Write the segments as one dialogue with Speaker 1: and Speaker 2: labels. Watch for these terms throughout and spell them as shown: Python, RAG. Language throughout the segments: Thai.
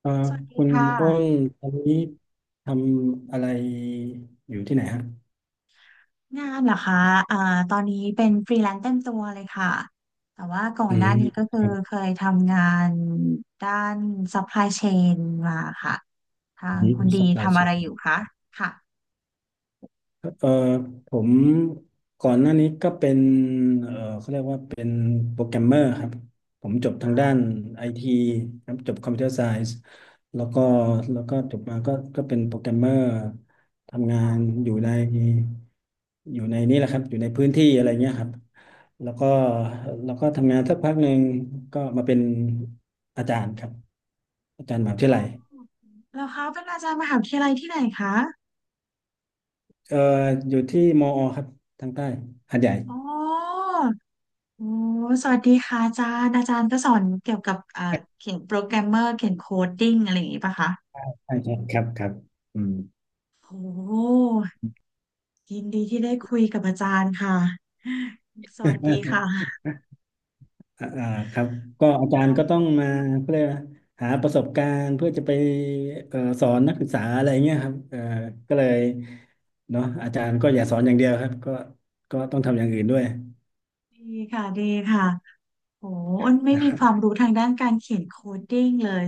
Speaker 1: เอ่อ
Speaker 2: สวัสดี
Speaker 1: คุณ
Speaker 2: ค่
Speaker 1: อ้น
Speaker 2: ะ
Speaker 1: ตอนนี้ทำอะไรอยู่ที่ไหนฮะ
Speaker 2: งานเหรอคะอ่าตอนนี้เป็นฟรีแลนซ์เต็มตัวเลยค่ะ แต่ว่าก่อ
Speaker 1: อื
Speaker 2: นหน้า
Speaker 1: ม
Speaker 2: นี้ก็คือ
Speaker 1: ครับ
Speaker 2: เคยทำงานด้าน supply chain มาค่ะ ทาง
Speaker 1: อืม
Speaker 2: คุณดี
Speaker 1: supply
Speaker 2: ทำอะไร
Speaker 1: chain
Speaker 2: อยู่คะค่ะ
Speaker 1: เอ่อผมก่อนหน้านี้ก็เป็นเอ่อเขาเรียกว่าเป็นโปรแกรมเมอร์ครับผมจบทางด้านไอทีครับจบคอมพิวเตอร์ไซส์แล้วก็จบมาก็เป็นโปรแกรมเมอร์ทำงา
Speaker 2: อ๋อ
Speaker 1: นอยู่ในนี่แหละครับอยู่ในพื้นที่อะไรเงี้ยครับแล้วก็ทำงานสักพักหนึ่งก็มาเป็นอาจารย์ครับอาจารย์มหาวิทยาลัย
Speaker 2: แล้วเขาเป็นอาจารย์มหาวิทยาลัยที่ไหนคะ
Speaker 1: เอ่ออยู่ที่มอครับทางใต้หาดใหญ่
Speaker 2: อ๋อโอ้ สวัสดีค่ะอาจารย์อาจารย์ก็สอนเกี่ยวกับเขียนโปรแกรมเมอร์เขียนโคดดิ้งอะไรอย่างงี้ป่ะคะ
Speaker 1: ใช่ใช่ครับครับอืม
Speaker 2: โอ้ ยินดีที่ได้คุยกับอาจารย์ค่ะสวัสดีค่ะ
Speaker 1: อ่าอ่าครับก็อาจารย์ก็ต้องมาเพื่อหาประสบการณ์เพื่อจะไปสอนนักศึกษาอะไรเงี้ยครับก็เลยเนาะอาจารย์ก็อย่าสอนอย่างเดียวครับก็ต้องทำอย่างอื่นด้วย
Speaker 2: ดีค่ะดีค่ะโหอ้นไม่
Speaker 1: นะค
Speaker 2: มี
Speaker 1: รั
Speaker 2: ความ
Speaker 1: บ
Speaker 2: รู้ทางด้านการเขียนโคดดิ้งเลย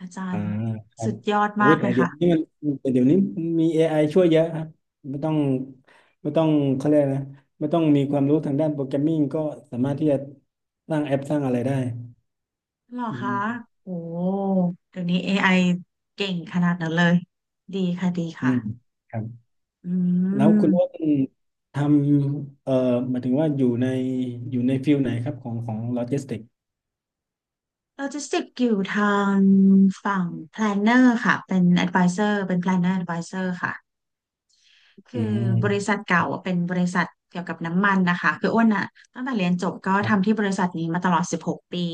Speaker 2: อาจาร
Speaker 1: อ่า
Speaker 2: ย์
Speaker 1: ครั
Speaker 2: สุ
Speaker 1: บ
Speaker 2: ดยอด
Speaker 1: โอ้
Speaker 2: มา
Speaker 1: ย
Speaker 2: กเล
Speaker 1: แต่
Speaker 2: ย
Speaker 1: เดี๋ย
Speaker 2: ค่ะ
Speaker 1: วนี้มันแต่เดี๋ยวนี้มี AI ช่วยเยอะครับไม่ต้องไม่ต้องเขาเรียกนะไม่ต้องมีความรู้ทางด้านโปรแกรมมิ่งก็สามารถที่จะสร้างแอปสร้างอะไรได้
Speaker 2: หรอ
Speaker 1: อื
Speaker 2: คะ
Speaker 1: ม
Speaker 2: โหเดี๋ยวนี้ a อไอเก่งขนาดนั้นเลย ดีค่ะดี
Speaker 1: อืม
Speaker 2: ค่ะ
Speaker 1: ครับ
Speaker 2: อื
Speaker 1: แล้วคุณอ้ว
Speaker 2: ม
Speaker 1: นทำหมายถึงว่าอยู่ในฟิลไหนครับของโลจิสติก
Speaker 2: โลจิสติกอยู่ทางฝั่ง planner ค่ะเป็น advisor เป็น planner advisor ค่ะ คื
Speaker 1: อื
Speaker 2: อบริษัท
Speaker 1: ม
Speaker 2: เก่าอะเป็นบริษัทเกี่ยวกับน้ำมันนะคะคืออ้วนอะตั้งแต่เรียนจบก็
Speaker 1: ครั
Speaker 2: ทำ
Speaker 1: บ
Speaker 2: ที่บริษัทนี้มาตลอด16ปี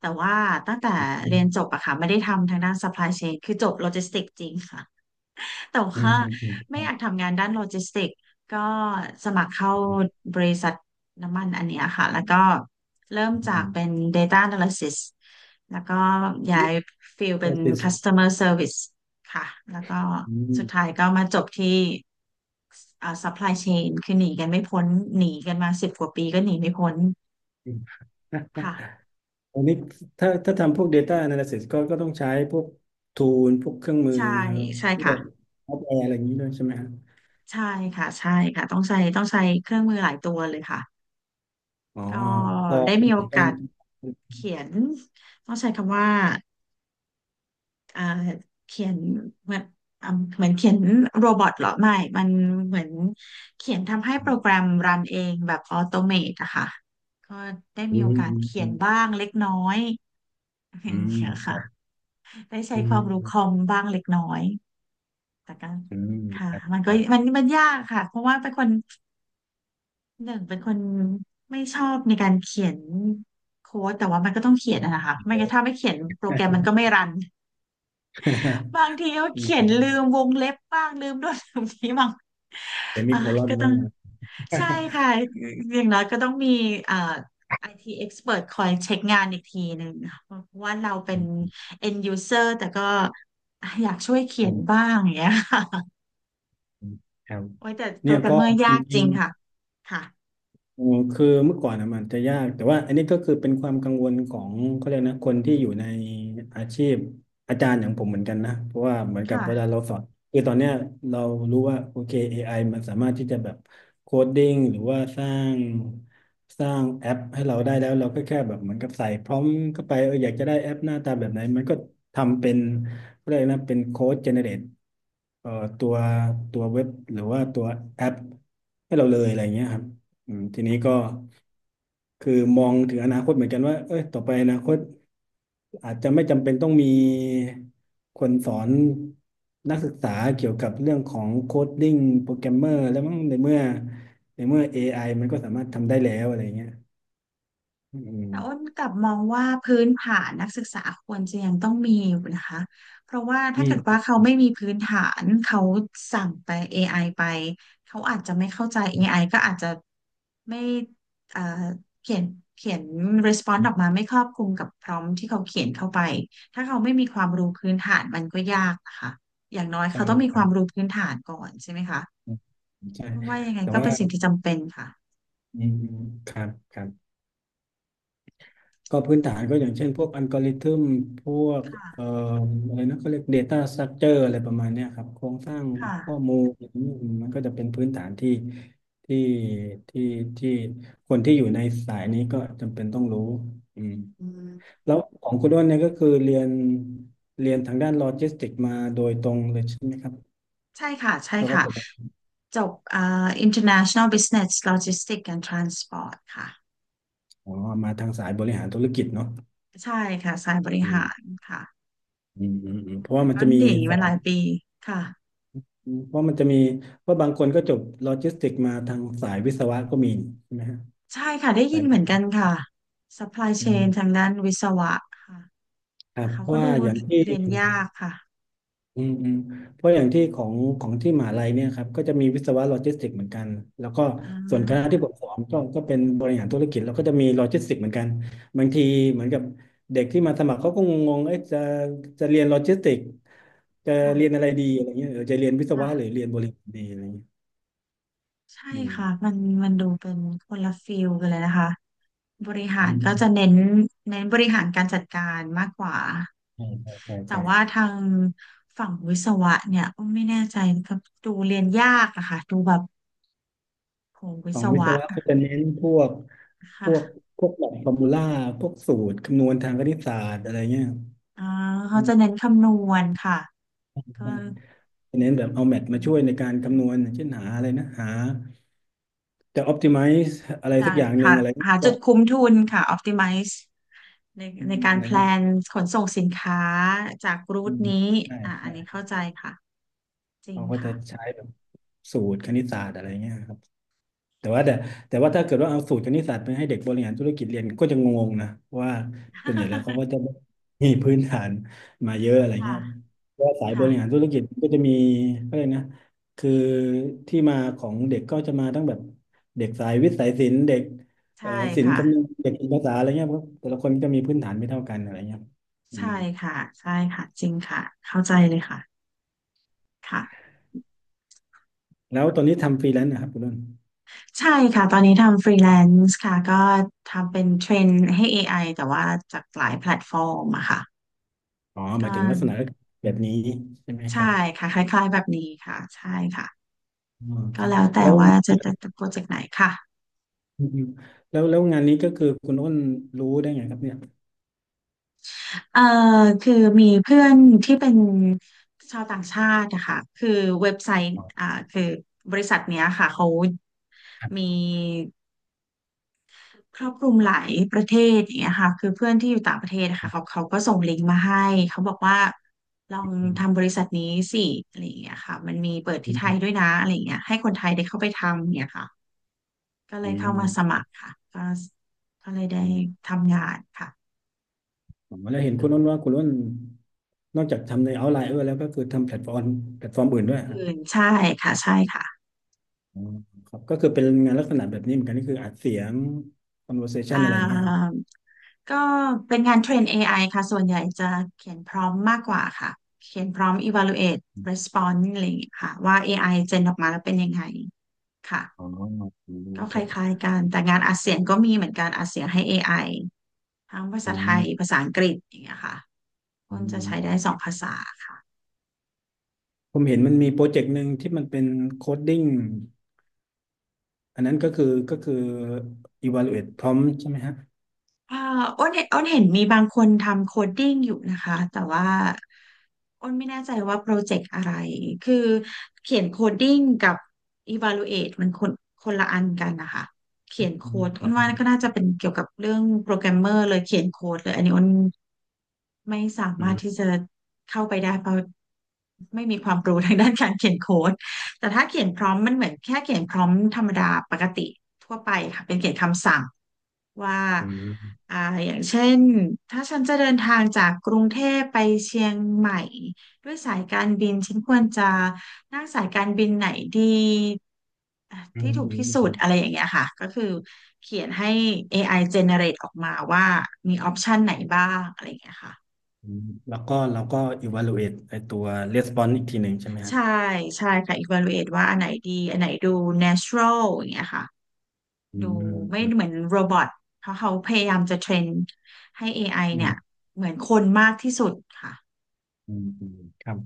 Speaker 2: แต่ว่าตั้งแต่
Speaker 1: อื
Speaker 2: เรี
Speaker 1: ม
Speaker 2: ยนจบอะค่ะไม่ได้ทำทางด้าน supply chain คือจบโลจิสติกจริงค่ะ แต่
Speaker 1: อืม
Speaker 2: ว่า
Speaker 1: อืมอืมค
Speaker 2: ไม่
Speaker 1: รั
Speaker 2: อ
Speaker 1: บ
Speaker 2: ยากทำงานด้านโลจิสติกก็สมัครเข้า
Speaker 1: อืม
Speaker 2: บริษัทน้ำมันอันเนี้ยค่ะแล้วก็เริ่ม
Speaker 1: อื
Speaker 2: จาก
Speaker 1: ม
Speaker 2: เป็น Data Analysis แล้วก็ย้ายฟิลเป็น
Speaker 1: analysis
Speaker 2: Customer Service ค่ะแล้วก็
Speaker 1: อื
Speaker 2: สุดท้าย
Speaker 1: ม
Speaker 2: ก็มาจบที่Supply Chain คือหนีกันไม่พ้นหนีกันมาสิบกว่าปีก็หนีไม่พ้น
Speaker 1: อืม
Speaker 2: ค่ะ
Speaker 1: อันนี้ถ้าทำพวก Data Analysis ก็ต้องใช้พวก Tool พวกเครื่องมือ
Speaker 2: ใช่ใช่
Speaker 1: พวก
Speaker 2: ค่ะ
Speaker 1: ซอฟต์แวร์อะไรอย่างนี้ด้วยใช่ไหมครับ
Speaker 2: ใช่ค่ะใช่ค่ะต้องใช้ต้องใช้เครื่องมือหลายตัวเลยค่ะ
Speaker 1: อ๋อ
Speaker 2: ก็
Speaker 1: พอ
Speaker 2: ได้
Speaker 1: เป็
Speaker 2: มี
Speaker 1: น
Speaker 2: โอ
Speaker 1: เหมือนกั
Speaker 2: กา
Speaker 1: น
Speaker 2: ส เขียนต้องใช้คำว่าเอ่อเขียนเหมือนอ่ะเหมือนเขียนโรบอทเหรอไม่มันเหมือนเขียนทำให้โปรแกรมรันเองแบบออโตเมตอะค่ะก็ได้
Speaker 1: อื
Speaker 2: มีโอ
Speaker 1: ม
Speaker 2: กาส
Speaker 1: อืม
Speaker 2: เขี
Speaker 1: อื
Speaker 2: ยน
Speaker 1: ม
Speaker 2: บ้างเล็กน้อย่
Speaker 1: อืม
Speaker 2: เนีย
Speaker 1: ค
Speaker 2: ค่ะ
Speaker 1: รับ
Speaker 2: ได้ใช้
Speaker 1: อื
Speaker 2: ควา
Speaker 1: ม
Speaker 2: มรู้คอมบ้างเล็กน้อยแต่ก็
Speaker 1: อืม
Speaker 2: ค่ะ
Speaker 1: ครับ
Speaker 2: มัน
Speaker 1: ค
Speaker 2: ก็
Speaker 1: รั
Speaker 2: มันมันยากค่ะเพราะว่าเป็นคนหนึ่งเป็นคนไม่ชอบในการเขียนโค้ดแต่ว่ามันก็ต้องเขียนอะนะคะไม่งั้นถ้าไม่เขียนโปรแกรมมันก็ไม่รัน
Speaker 1: บ
Speaker 2: บางทีเขา
Speaker 1: อื
Speaker 2: เขียนลืม
Speaker 1: ม
Speaker 2: วงเล็บบ้างลืมโน่นลืมนี้ บ้าง
Speaker 1: แต่มี
Speaker 2: อ่า
Speaker 1: โคลอน
Speaker 2: ก็ต้
Speaker 1: บ้า
Speaker 2: อ
Speaker 1: ง
Speaker 2: งใช่ค่ะ อย่างน้อยก็ต้องมีอ่า IT expert คอยเช็คงานอีกทีหนึ่งเพราะว่าเราเป็น
Speaker 1: อืม
Speaker 2: end user แต่ก็อยากช่วยเขียนบ้างอย่างเงี้ยค่ะ
Speaker 1: อืมครับ
Speaker 2: โอ้ยแต่โป
Speaker 1: เนี่
Speaker 2: ร
Speaker 1: ย
Speaker 2: แกรม
Speaker 1: ก็
Speaker 2: เมอร์
Speaker 1: จ
Speaker 2: ยากจ
Speaker 1: ริ
Speaker 2: ริ
Speaker 1: ง
Speaker 2: งค่ะค่ะ
Speaker 1: อ๋อคือเมื่อก่อนอะมันจะยากแต่ว่าอันนี้ก็คือเป็นความกังวลของเขาเรียกนะคนที่อยู่ในอาชีพอาจารย์อย่างผมเหมือนกันนะเพราะว่าเหมือนกับเวลา
Speaker 2: ค่ะ
Speaker 1: เราสอนคือตอนเนี้ยเรารู้ว่าโอเค AI มันสามารถที่จะแบบโคดดิ้งหรือว่าสร้างสร้างแอปให้เราได้แล้วเราก็แค่แบบเหมือนกับใส่พร้อมเข้าไปเอออยากจะได้แอปหน้าตาแบบไหนมันก็ทำเป็นเขาเรียกนะเป็นโค้ดเจเนเรตเอ่อตัวเว็บหรือว่าตัวแอปให้เราเลยอะไรเงี้ยครับ อืมทีนี้ก็คือมองถึงอนาคตเหมือนกันว่าเอ้ยต่อไปอนาคตอาจจะไม่จำเป็นต้องมีคนสอนนักศึกษาเกี่ยวกับเรื่องของโคดดิ้งโปรแกรมเมอร์แล้วมั้งในเมื่อในเมื่อ AI มันก็สามารถทำได้แล้วอะไรเงี้ยอื
Speaker 2: แต่อ้น
Speaker 1: ม
Speaker 2: กลับมองว่าพื้นฐานนักศึกษาควรจะยังต้องมีอยู่นะคะเพราะว่า
Speaker 1: อื
Speaker 2: ถ้าเกิดว่า
Speaker 1: ม
Speaker 2: เขาไม่มีพื้นฐานเขาสั่งไป AI ไอไปเขาอาจจะไม่เข้าใจเอไอก็อาจจะไม่เอ่อเขียนเขียน response ออกมาไม่ครอบคลุมกับ prompt ที่เขาเขียนเข้าไปถ้าเขาไม่มีความรู้พื้นฐานมันก็ยากนะคะอย่างน้อย
Speaker 1: ใช่
Speaker 2: เขาต้องมี
Speaker 1: ค
Speaker 2: ค
Speaker 1: รั
Speaker 2: วาม
Speaker 1: บ
Speaker 2: รู้พื้นฐานก่อนใช่ไหมคะ
Speaker 1: อืมใช่
Speaker 2: ว่ายังไง
Speaker 1: แต่
Speaker 2: ก็
Speaker 1: ว่า
Speaker 2: เป็นสิ่งที่จำเป็นค่ะ
Speaker 1: อืมครับครับ ก็พื้นฐานก็อย่างเช่นพวกอัลกอริทึมพวกเอ่อ
Speaker 2: ค่ะ
Speaker 1: อะไรนะเขาเรียก Data Structure อะไรประมาณเนี้ยครับโครงสร้าง
Speaker 2: ค่ะ
Speaker 1: ข้อมูลอืมมันก็จะเป็นพื้นฐานที่ที่ที่ที่คนที่อยู่ในสายนี้ก็จำเป็นต้องรู้อืม
Speaker 2: อืม
Speaker 1: แล้วของคุณด้วนเนี่ยก็คือเรียนเรียนทางด้านโลจิสติกมาโดยตรงเลยใช่ไหมครับ
Speaker 2: ใช่ค่ะใช่
Speaker 1: แล้วก็
Speaker 2: ค่ะ
Speaker 1: จบ
Speaker 2: จบอ่า International Business Logistics and Transport ค่ะ
Speaker 1: อ๋อมาทางสายบริหารธุรกิจเนาะ
Speaker 2: ใช่ค่ะสายบริ
Speaker 1: อืม
Speaker 2: หารค่ะ
Speaker 1: อืมอืมอืมเพราะว่า
Speaker 2: แต่
Speaker 1: มัน
Speaker 2: ก็
Speaker 1: จะมี
Speaker 2: หนี
Speaker 1: ส
Speaker 2: มา
Speaker 1: อ
Speaker 2: ห
Speaker 1: ง
Speaker 2: ลายปีค่ะ
Speaker 1: อืมเพราะมันจะมีว่าะบางคนก็จบโลจิสติกมาทางสายวิศวะก็มีใช่ไหมฮะ
Speaker 2: ใช่ค่ะได้ยิ
Speaker 1: สา
Speaker 2: นเหมือน
Speaker 1: ย
Speaker 2: กันค่ะ Supply
Speaker 1: อื
Speaker 2: Chain ทาง
Speaker 1: ม
Speaker 2: ด้านวิศวะค่ะ
Speaker 1: ครั
Speaker 2: แต่
Speaker 1: บ
Speaker 2: เขา
Speaker 1: เพราะ
Speaker 2: ก็
Speaker 1: ว่า
Speaker 2: ดู
Speaker 1: อย่างที่
Speaker 2: เรียนยากค่ะ
Speaker 1: อืมอืมเพราะอย่างที่ของที่มหาลัยเนี่ยครับก็จะมีวิศวะโลจิสติกเหมือนกันแล้วก็
Speaker 2: อ่า
Speaker 1: ส่วนคณะ
Speaker 2: ค่ะ
Speaker 1: ที่ผมสอนก็เป็นบริหารธุรกิจแล้วก็จะมีโลจิสติกเหมือนกันบางทีเหมือนกับเด็กที่มาสมัครเขาก็งงๆเอ๊ะจะเรียนโลจิสติกจะเรียนอะไร
Speaker 2: ค่ะ
Speaker 1: ดีอะไรเงี้ยเออจะเรียนวิศวะหรือ
Speaker 2: ค่ะ
Speaker 1: เรียนบริหารดีอะไรเงี้ย
Speaker 2: ใช่
Speaker 1: อืม
Speaker 2: ค่ะมันมันดูเป็นคนละฟิลกันเลยนะคะบริหา
Speaker 1: อื
Speaker 2: รก็
Speaker 1: ม
Speaker 2: จะเน้นเน้นบริหารการจัดการมากกว่า
Speaker 1: ใช่ใช่ใช่
Speaker 2: แต่ว่า
Speaker 1: ใช่
Speaker 2: ทางฝั่งวิศวะเนี่ยอ้อมไม่แน่ใจนะครับดูเรียนยากอะค่ะดูแบบโหวิ
Speaker 1: ขอ
Speaker 2: ศ
Speaker 1: งวิศ
Speaker 2: วะ
Speaker 1: วะก็จะเน้นพวกพ
Speaker 2: ค่ะ
Speaker 1: วกพวกหลักฟอร์มูล่าพวกสูตรคำนวณทางคณิตศาสตร์อะไรเงี้ย
Speaker 2: อ่า
Speaker 1: อื
Speaker 2: เขาจะ
Speaker 1: ม
Speaker 2: เน้นคำนวณค่ะก็
Speaker 1: ใช่จะเน้นแบบเอาแมทมาช่วยในการคำนวณเช่นหาอะไรนะหาจะ optimize อะไร
Speaker 2: จะ
Speaker 1: สักอย่างหนึ่
Speaker 2: หา
Speaker 1: งอะไร
Speaker 2: หา
Speaker 1: ก็
Speaker 2: จุดคุ้มทุนค่ะ optimize ใน
Speaker 1: อื
Speaker 2: ใน
Speaker 1: ม
Speaker 2: กา
Speaker 1: อะ
Speaker 2: ร
Speaker 1: ไร
Speaker 2: แพล
Speaker 1: เงี้ย
Speaker 2: นขนส่งสินค้าจากรู
Speaker 1: อื
Speaker 2: ท
Speaker 1: ม
Speaker 2: นี้
Speaker 1: ใช่
Speaker 2: อ่าอั
Speaker 1: ใช่
Speaker 2: นนี้เข้าใจค่ะจริง
Speaker 1: เขาก็จะ
Speaker 2: ค่ะ
Speaker 1: ใช้แบบสูตรคณิตศาสตร์อะไรเงี้ยครับ แต่ว่าแต่แต่ว่าถ้าเกิดว่าเอาสูตรคณิตศาสตร์ไปให้เด็กบริหารธุรกิจเรียนก็จะงงนะว่าส่วนใหญ่แล้วเขาก็จะมีพื้นฐานมาเยอะอะไร
Speaker 2: ค่ะ
Speaker 1: เงี้ยว่าสายบ
Speaker 2: ค่ะ
Speaker 1: ริหารธุรกิจก็จะมีก็เลยกนะคือที่มาของเด็กก็จะมาตั้งแบบเด็กสายวิทย์สายศิลป์เด็กเอ่อ
Speaker 2: ใช่
Speaker 1: ศิลป์
Speaker 2: ค่ะ
Speaker 1: คำนวณเด็กภาษาอะไรเงี้ยเพราะแต่ละคนก็มีพื้นฐานไม่เท่ากันอะไรเงี้ยอื
Speaker 2: ใช่
Speaker 1: ม
Speaker 2: ค่ะใช่ค่ะจริงค่ะเข้าใจเลยค่ะค่ะ
Speaker 1: แล้วตอนนี้ทำฟรีแลนซ์นะครับคุณนุน
Speaker 2: ใช่ค่ะตอนนี้ทำฟรีแลนซ์ค่ะก็ทำเป็นเทรนให้ AI แต่ว่าจากหลายแพลตฟอร์มอะค่ะ
Speaker 1: อ๋อห
Speaker 2: ก็
Speaker 1: มายถึงลักษณะแบบนี้ใช่ไหมค
Speaker 2: ใช่
Speaker 1: รับ
Speaker 2: ค่ะคล้ายๆแบบนี้ค่ะใช่ค่ะ
Speaker 1: อ๋อค
Speaker 2: ก็
Speaker 1: รับ
Speaker 2: แล้วแต่
Speaker 1: แล้ว
Speaker 2: ว่าจะโปรเจกต์ไหนค่ะ
Speaker 1: อืมแล้วงานนี้ก็คือคุณอ้นรู้ได้ไงครับเนี่ย
Speaker 2: เอ่อคือมีเพื่อนที่เป็นชาวต่างชาติอะค่ะคือเว็บไซต์
Speaker 1: อ๋
Speaker 2: อ่า
Speaker 1: อ
Speaker 2: คือบริษัทเนี้ยค่ะเขา
Speaker 1: ครั
Speaker 2: มี
Speaker 1: บ
Speaker 2: ครอบคลุมหลายประเทศอย่างเงี้ยค่ะคือเพื่อนที่อยู่ต่างประเทศนะคะเขาก็ส่งลิงก์มาให้เขาบอกว่าลอ
Speaker 1: อ
Speaker 2: ง
Speaker 1: ืม
Speaker 2: ทำบริษัทนี้สิอะไรอย่างเงี้ยค่ะมันมีเปิด
Speaker 1: อื
Speaker 2: ที่ไทยด้
Speaker 1: ม
Speaker 2: วยนะอะไรอย่างเงี้ยให้คนไทยได้เข้าไปทำเนี่ยค่ะก็เล
Speaker 1: อื
Speaker 2: ยเข้ามาสมั
Speaker 1: ม
Speaker 2: ครค่ะก็เลยได้
Speaker 1: อืม
Speaker 2: ทำงานค่ะ
Speaker 1: ๋อแล้วเห็นคุณอ้นว่าคุณอ้นนอกจากทำในเอาไลน์แล้วก็คือทำแพลตฟอร์มแพลตฟอร์มอื่นด้
Speaker 2: อ
Speaker 1: วยครับ
Speaker 2: ื่นใช่ค่ะใช่ค่ะ
Speaker 1: อ๋อครับก็คือเป็นงานลักษณะแบบนี้เหมือนกันนี่คืออัดเสียง
Speaker 2: อ่
Speaker 1: conversation อะไรอย่างเงี้ยฮะ
Speaker 2: าก็เป็นงานเทรน AI ค่ะส่วนใหญ่จะเขียนพร้อมมากกว่าค่ะเขียนพร้อม evaluate response อะไรอย่างเงี้ยค่ะว่า AI เจนออกมาแล้วเป็นยังไงค่ะ
Speaker 1: อ๋ออืมโอ
Speaker 2: ก็ค
Speaker 1: เค
Speaker 2: ล้ายๆกัน แต่งานอัดเสียงก็มีเหมือนกันอัดเสียงให้ AI ทั้งภา
Speaker 1: อื
Speaker 2: ษาไทย
Speaker 1: ม
Speaker 2: ภาษาอังกฤษอย่างเงี้ยค่ะ
Speaker 1: อื
Speaker 2: อ้น
Speaker 1: ม
Speaker 2: จะ
Speaker 1: อืม
Speaker 2: ใช้
Speaker 1: อื
Speaker 2: ได้สอ
Speaker 1: ม
Speaker 2: งภาษาค่ะ
Speaker 1: ผมเห็นมันมีโปรเจกต์หนึ่งที่มันเป็นโคดดิ้งอันนั้นก็คือ evaluate prompt ใช่ไหมฮะ
Speaker 2: อ้นเห็นมีบางคนทำโคดดิ้งอยู่นะคะ แต่ว่าอ้นไม่แน่ใจว่าโปรเจกต์อะไร คือเขียนโคดดิ้งกับ evaluate มันคนละอันกันนะคะ เขียน
Speaker 1: อื
Speaker 2: โค้ดอ้นว่าก็
Speaker 1: ม
Speaker 2: น่าจะเป็นเกี่ยวกับเรื่องโปรแกรมเมอร์เลยเขียนโค้ดเลยอันนี้อ้น ไม่สามารถที่จะเข้าไปได้เพราะไม่มีความรู้ทางด้านการเขียนโค้ดแต่ถ้าเขียนพร้อมมันเหมือนแค่เขียนพร้อมธรรมดาปกติทั่วไปค่ะเป็นเขียนคำสั่งว่า
Speaker 1: อืม
Speaker 2: อ่าอย่างเช่นถ้าฉันจะเดินทางจากกรุงเทพไปเชียงใหม่ด้วยสายการบินฉันควรจะนั่งสายการบินไหนดีอ่ะ
Speaker 1: อื
Speaker 2: ที่
Speaker 1: ม
Speaker 2: ถูก
Speaker 1: อืม
Speaker 2: ที่สุ
Speaker 1: อื
Speaker 2: ด
Speaker 1: ม
Speaker 2: อะไรอย่างเงี้ยค่ะก็คือเขียนให้ AI generate ออกมาว่ามีออปชันไหนบ้างอะไรอย่างเงี้ยค่ะ
Speaker 1: อืมแล้วก็เราก็ evaluate ไอตัว response อีกทีหนึ่งใช่ไหมฮะ
Speaker 2: ใช่ใช่ค่ะ evaluate ว่าอันไหนดีอันไหนดู natural อย่างเงี้ยค่ะ
Speaker 1: อื
Speaker 2: ดู
Speaker 1: ม
Speaker 2: ไม่
Speaker 1: อืม
Speaker 2: เหมือนโรบอทเพราะเขาพยายามจะเทรนให้ AI
Speaker 1: อื
Speaker 2: เนี่ย
Speaker 1: ม
Speaker 2: เหมือนคนมากที่สุดค่ะ
Speaker 1: อืมครับ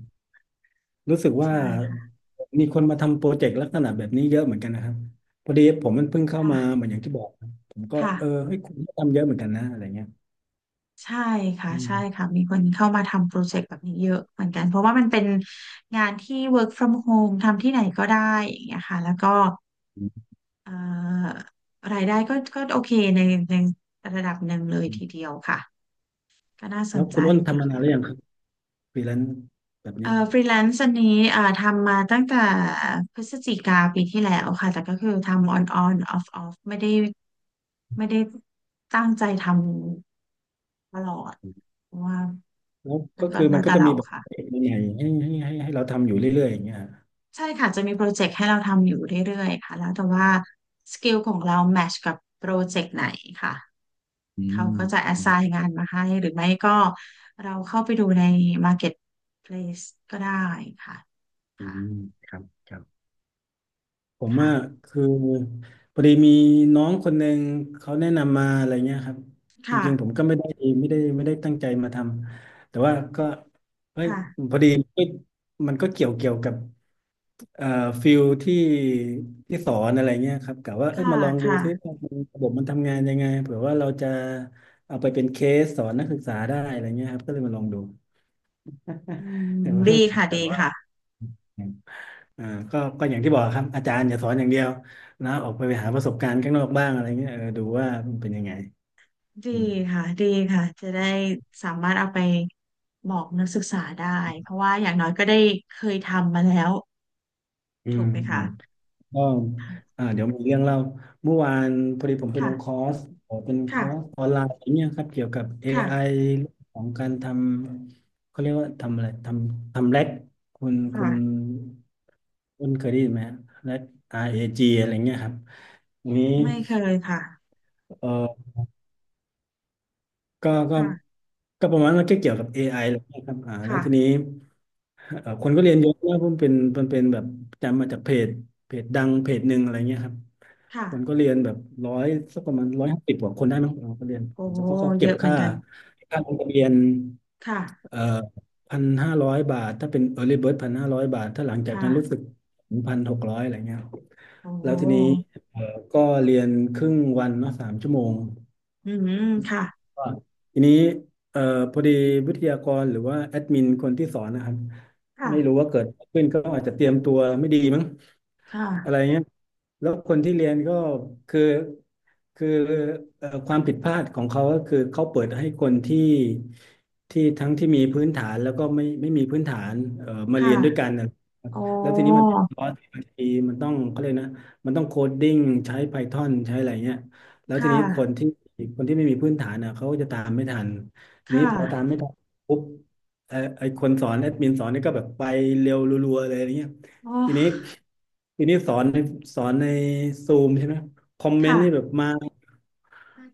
Speaker 1: รู้สึกว่า
Speaker 2: ใช่ค่ะ
Speaker 1: มีคนมาทำโปรเจกต์ลักษณะแบบนี้เยอะเหมือนกันนะครับพอดีผมมันเพิ่งเข้ามาเห
Speaker 2: ค่ะ
Speaker 1: มือนอย่างที่บอกนะผมก็เออ
Speaker 2: ค่ะ
Speaker 1: เฮ้ยคุณก็ทำเยอะเหมือนกันนะอะไรเงี้ย
Speaker 2: ใช่ค่ะ
Speaker 1: อื
Speaker 2: ใช่
Speaker 1: ม
Speaker 2: ค่ะมีคนเข้ามาทำโปรเจกต์แบบนี้เยอะเหมือนกัน เพราะว่ามันเป็นงานที่ work from home ทำที่ไหนก็ได้อย่างเงี้ยค่ะแล้วก็
Speaker 1: อืม
Speaker 2: เอ่อรายได้ก็โอเคในในระดับหนึ่งเลย
Speaker 1: อื
Speaker 2: ที
Speaker 1: ม
Speaker 2: เดียวค่ะ ก็น่าส
Speaker 1: แล้ว
Speaker 2: นใจ
Speaker 1: คุณอ้น
Speaker 2: ดี
Speaker 1: ทำมานานห
Speaker 2: ค่ะ
Speaker 1: รือยังครับฟรีแลนซ์แบบเนี้ย
Speaker 2: ฟรีแลนซ์อันนี้ทำมาตั้งแต่พฤศจิกาปีที่แล้วค่ะแต่ก็คือทำออนออฟไม่ได้ตั้งใจทำตลอดเพราะว่า
Speaker 1: แล้ว
Speaker 2: มั
Speaker 1: ก็
Speaker 2: นก็
Speaker 1: คือมั
Speaker 2: แล้
Speaker 1: น
Speaker 2: ว
Speaker 1: ก็
Speaker 2: แต่
Speaker 1: จะมี
Speaker 2: เรา
Speaker 1: แบบ
Speaker 2: ค่ะ
Speaker 1: เจกใหม่ๆให้เราทำอยู่เรื่อยๆอย่างเงี้ยฮะ
Speaker 2: ใช่ค่ะจะมีโปรเจกต์ให้เราทำอยู่เรื่อยๆค่ะแล้วแต่ว่าสกิลของเราแมทชกับโปรเจกต์ไหนค่ะ
Speaker 1: อื
Speaker 2: เขา
Speaker 1: ม
Speaker 2: ก็จะ a อ
Speaker 1: อื
Speaker 2: ส
Speaker 1: ม
Speaker 2: i g n งานมาให้หรือไม่ก็เราเข้าไปดูใน Marketplace ก็ได้ค่ะ
Speaker 1: อื
Speaker 2: ค่ะ
Speaker 1: มครับครับ ผมอ่ะ
Speaker 2: ค่ะ
Speaker 1: คือพอดีมีน้องคนหนึ่งเขาแนะนำมาอะไรเงี้ยครับจ
Speaker 2: ค่ะ
Speaker 1: ริงๆผมก็ไม่ได้ไม่ได้ตั้งใจมาทำแต่ว่าก็เฮ้ย
Speaker 2: ค่ะ
Speaker 1: พอดีมันก็เกี่ยวกับเอ่อฟิลที่สอนอะไรเงี้ยครับกะว่าเอ้ย
Speaker 2: ค่ะ
Speaker 1: มาลองดู
Speaker 2: ค่ะ
Speaker 1: ซิว่ามันระบบมันทำงานยังไงเผื่อว่าเราจะเอาไปเป็นเคสสอนนักศึกษาได้อะไรเงี้ยครับก็เลยมาลองดู
Speaker 2: อื
Speaker 1: แต่
Speaker 2: ม
Speaker 1: ว่า
Speaker 2: ดี
Speaker 1: ไม่ได้
Speaker 2: ค่ะ
Speaker 1: แบ
Speaker 2: ดี
Speaker 1: บว่า
Speaker 2: ค่ะ
Speaker 1: อ่าก็ก็อย่างที่บอกครับอาจารย์อย่าสอนอย่างเดียวนะออกไปหาประสบการณ์ข้างนอกบ้างอะไรเงี้ยเออดูว่ามันเป็นยังไง
Speaker 2: ดี
Speaker 1: อืม
Speaker 2: ดีค่ะ จะได้สามารถเอาไปบอกนักศึกษาได้ เพราะว่าอย่างน้อยก็ได้เคยทำมาแล้ว
Speaker 1: อื
Speaker 2: ถู
Speaker 1: ม
Speaker 2: กไหม
Speaker 1: อื
Speaker 2: คะ
Speaker 1: มก็
Speaker 2: ค่ะ
Speaker 1: อ่าเดี๋ยวมีเรื่องเล่าเมื่อวานพอดีผมไปลงคอ
Speaker 2: ค่ะ
Speaker 1: ร์สเป็นคอร์ส
Speaker 2: ค่ะ
Speaker 1: ออนไลน์เนี่ยครับเกี่ยวกับ
Speaker 2: ค
Speaker 1: AI เรื่องของการทำเขาเรียกว่าทำอะไรทำแร็กคุณคุ
Speaker 2: ่ะ
Speaker 1: ณคุณเคยได้ยินไหมฮะแร็ก RAG อจีอะไรเงี้ยครับทีนนี้
Speaker 2: ไม่เคยค่ะ
Speaker 1: เอ่อ ก็ก็
Speaker 2: ค่ะ
Speaker 1: ก็ประมาณมันก็เกี่ยวกับ AI แหละครับอ่าแล้ว
Speaker 2: ค่ะ
Speaker 1: ทีนี้คนก็เรียนเยอะนะเพราะมันเป็นแบบจำมาจากเพจเพจดังเพจหนึ่งอะไรเงี้ยครับ
Speaker 2: ค่ะ
Speaker 1: คนก็เรียนแบบร้อยสักประมาณ150กว่าคนได้มั้งเราก็เรียน
Speaker 2: โอ้
Speaker 1: แล้วเขาก็
Speaker 2: เย
Speaker 1: เก็บ
Speaker 2: อะเหมือ
Speaker 1: ค่า
Speaker 2: นกัน
Speaker 1: ค่าลงทะเบียน
Speaker 2: ค่ะ
Speaker 1: เอ่อพันห้าร้อยบาทถ้าเป็น Early Bird พันห้าร้อยบาทถ้าหลัง
Speaker 2: ค
Speaker 1: จากนั้นรู้สึก
Speaker 2: ่ะ
Speaker 1: 1,600อะไรเงี้ย
Speaker 2: โอ
Speaker 1: แล้วทีนี้
Speaker 2: ้
Speaker 1: เอ่อก็เรียนครึ่งวันเนาะ3 ชั่วโมง
Speaker 2: อืมค่ะ
Speaker 1: ก็ทีนี้เอ่อพอดีวิทยากรหรือว่าแอดมินคนที่สอนนะครับไม่รู้
Speaker 2: ค่ะ
Speaker 1: ว่าเกิดอะไรขึ้นก็อาจจะเตรียมตัวไม่ดีมั้ง อะไร
Speaker 2: ค่ะ
Speaker 1: เงี้ยแล้วคนที่เรียนก็คือคือความผิดพลาดของเขาก็คือเขาเปิดให้คนที่ที่ทั้งที่มีพื้นฐานแล้วก็ไม่มีพื้นฐานมา
Speaker 2: ค่ะ
Speaker 1: เรียนด้วยกันนะ
Speaker 2: โอ้
Speaker 1: แล้วทีนี้มันเป็นคอร์สที่บางทีมันต้องเขาเลยกนะมันต้องโคดดิ้งใช้ Python ใช้อะไรเงี้ยแล้ว
Speaker 2: ค
Speaker 1: ทีนี้คน
Speaker 2: ่ะ
Speaker 1: ที่คนที่ไม่มีพื้นฐานอ่ะเขาก็จะตามไม่ทันนี้
Speaker 2: ค่ะ
Speaker 1: พอตามไม่ทันปุ๊บไอคนสอนแอดมินสอนนี่ก็แบบไปเร็วรัวๆเลยอะไรเงี้ย
Speaker 2: โอ
Speaker 1: ทีนี้
Speaker 2: ้
Speaker 1: ทีนี้สอนในซูมใช่ไหมคอมเมน
Speaker 2: ค่ะ
Speaker 1: ต์นี่แบบมา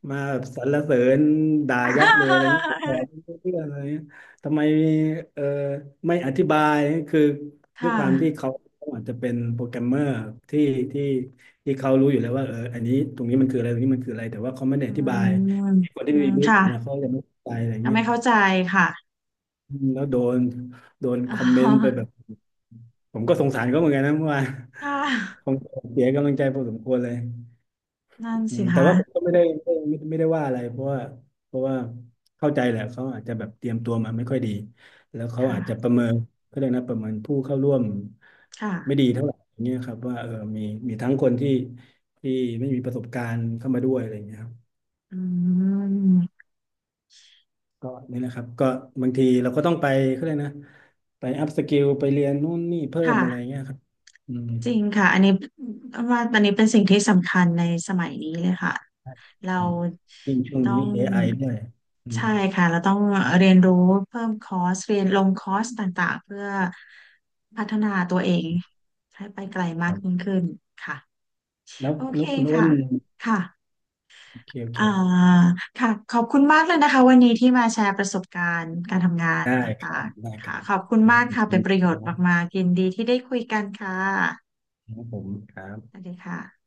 Speaker 1: มาแบบสรรเสริญด่ายับเลยอะไรเงี้ยผมบอก ไม่รู้เรื่องอะไรเงี้ยทำไมเออไม่อธิบายคือ
Speaker 2: ค
Speaker 1: ด้วยความที่
Speaker 2: ่ะ
Speaker 1: เขาอาจจะเป็นโปรแกรมเมอร์ที่ที่ที่เขารู้อยู่แล้วว่าเอออันนี้ตรงนี้มันคืออะไรตรงนี้มันคืออะไรแต่ว่าเขาไม่ได้
Speaker 2: อื
Speaker 1: อธิบาย
Speaker 2: ม
Speaker 1: คนที่
Speaker 2: อื
Speaker 1: ไมมี
Speaker 2: ม
Speaker 1: พื้น
Speaker 2: ค่ะ
Speaker 1: ฐานนะเขาจะไม่เข้าใจอะไร
Speaker 2: ก็
Speaker 1: เงี้ย
Speaker 2: ไม่เข้าใจค่ะ
Speaker 1: แล้วโดน
Speaker 2: อ๋
Speaker 1: คอมเมนต์ไป
Speaker 2: อ
Speaker 1: แบบผมก็สงสารเขาเหมือนกันนะเมื่อวาน
Speaker 2: ค่ะ
Speaker 1: ผมเสียกำลังใจพอสมควรเลย
Speaker 2: นั่
Speaker 1: อื
Speaker 2: นสิ
Speaker 1: มแต่
Speaker 2: คะ
Speaker 1: ว่าผมก็ไม่ได้ไม่ได้ว่าอะไรเพราะว่าเข้าใจแหละเขาอาจจะแบบเตรียมตัวมาไม่ค่อยดีแล้วเขาอาจจะป
Speaker 2: ค่ะ
Speaker 1: ระเมินเขาเรียกนะประเมินผู้เข้าร่วม
Speaker 2: ค่ะ
Speaker 1: ไม่ดีเท่าไหร่อย่างเงี้ยครับว่าเออมีมีทั้งคนที่ไม่มีประสบการณ์เข้ามาด้วยอะไรอย่างเงี้ย
Speaker 2: อืม
Speaker 1: ก็นี่แหละครับก็บางทีเราก็ต้องไปเขาเลยกนะไปอัพสกิลไปเรียนนู่นนี่เพิ่มอะไร
Speaker 2: ค่ะ
Speaker 1: เงี้ยครับอืม
Speaker 2: จริงค่ะอันนี้ว่าอันนี้เป็นสิ่งที่สำคัญในสมัยนี้เลยค่ะ เรา
Speaker 1: ยิ่งช่วง
Speaker 2: ต้อ
Speaker 1: นี้
Speaker 2: ง
Speaker 1: AI ด้วยอืม
Speaker 2: ใช่ค่ะ เราต้องเรียนรู้เพิ่มคอร์ส เรียนลงคอร์สต่างๆ เพื่อพัฒนาตัวเองให้ไปไกล
Speaker 1: ค
Speaker 2: มาก
Speaker 1: รั
Speaker 2: ยิ่ง
Speaker 1: บ
Speaker 2: ขึ้นค่ะ
Speaker 1: แล้ว
Speaker 2: โอเค
Speaker 1: แล้วคุณอ้น
Speaker 2: ค่ะค่ะ
Speaker 1: โอเคโอเค
Speaker 2: อ่าค่ะ ขอบคุณมากเลยนะคะวันนี้ที่มาแชร์ประสบการณ์การทำงาน
Speaker 1: ได้
Speaker 2: ต
Speaker 1: ครั
Speaker 2: ่าง
Speaker 1: บได้
Speaker 2: ๆ
Speaker 1: ค
Speaker 2: ค่ะ
Speaker 1: รับ
Speaker 2: ขอบคุณ
Speaker 1: ครับ
Speaker 2: มาก
Speaker 1: น
Speaker 2: ค่ะ
Speaker 1: ค
Speaker 2: เป็
Speaker 1: ณ
Speaker 2: นประโยช
Speaker 1: ค
Speaker 2: น์
Speaker 1: รั
Speaker 2: มา
Speaker 1: บ
Speaker 2: กๆยินดีที่ได้คุยกันค่ะ
Speaker 1: ครับผมครับ
Speaker 2: สวัสดีค่ะ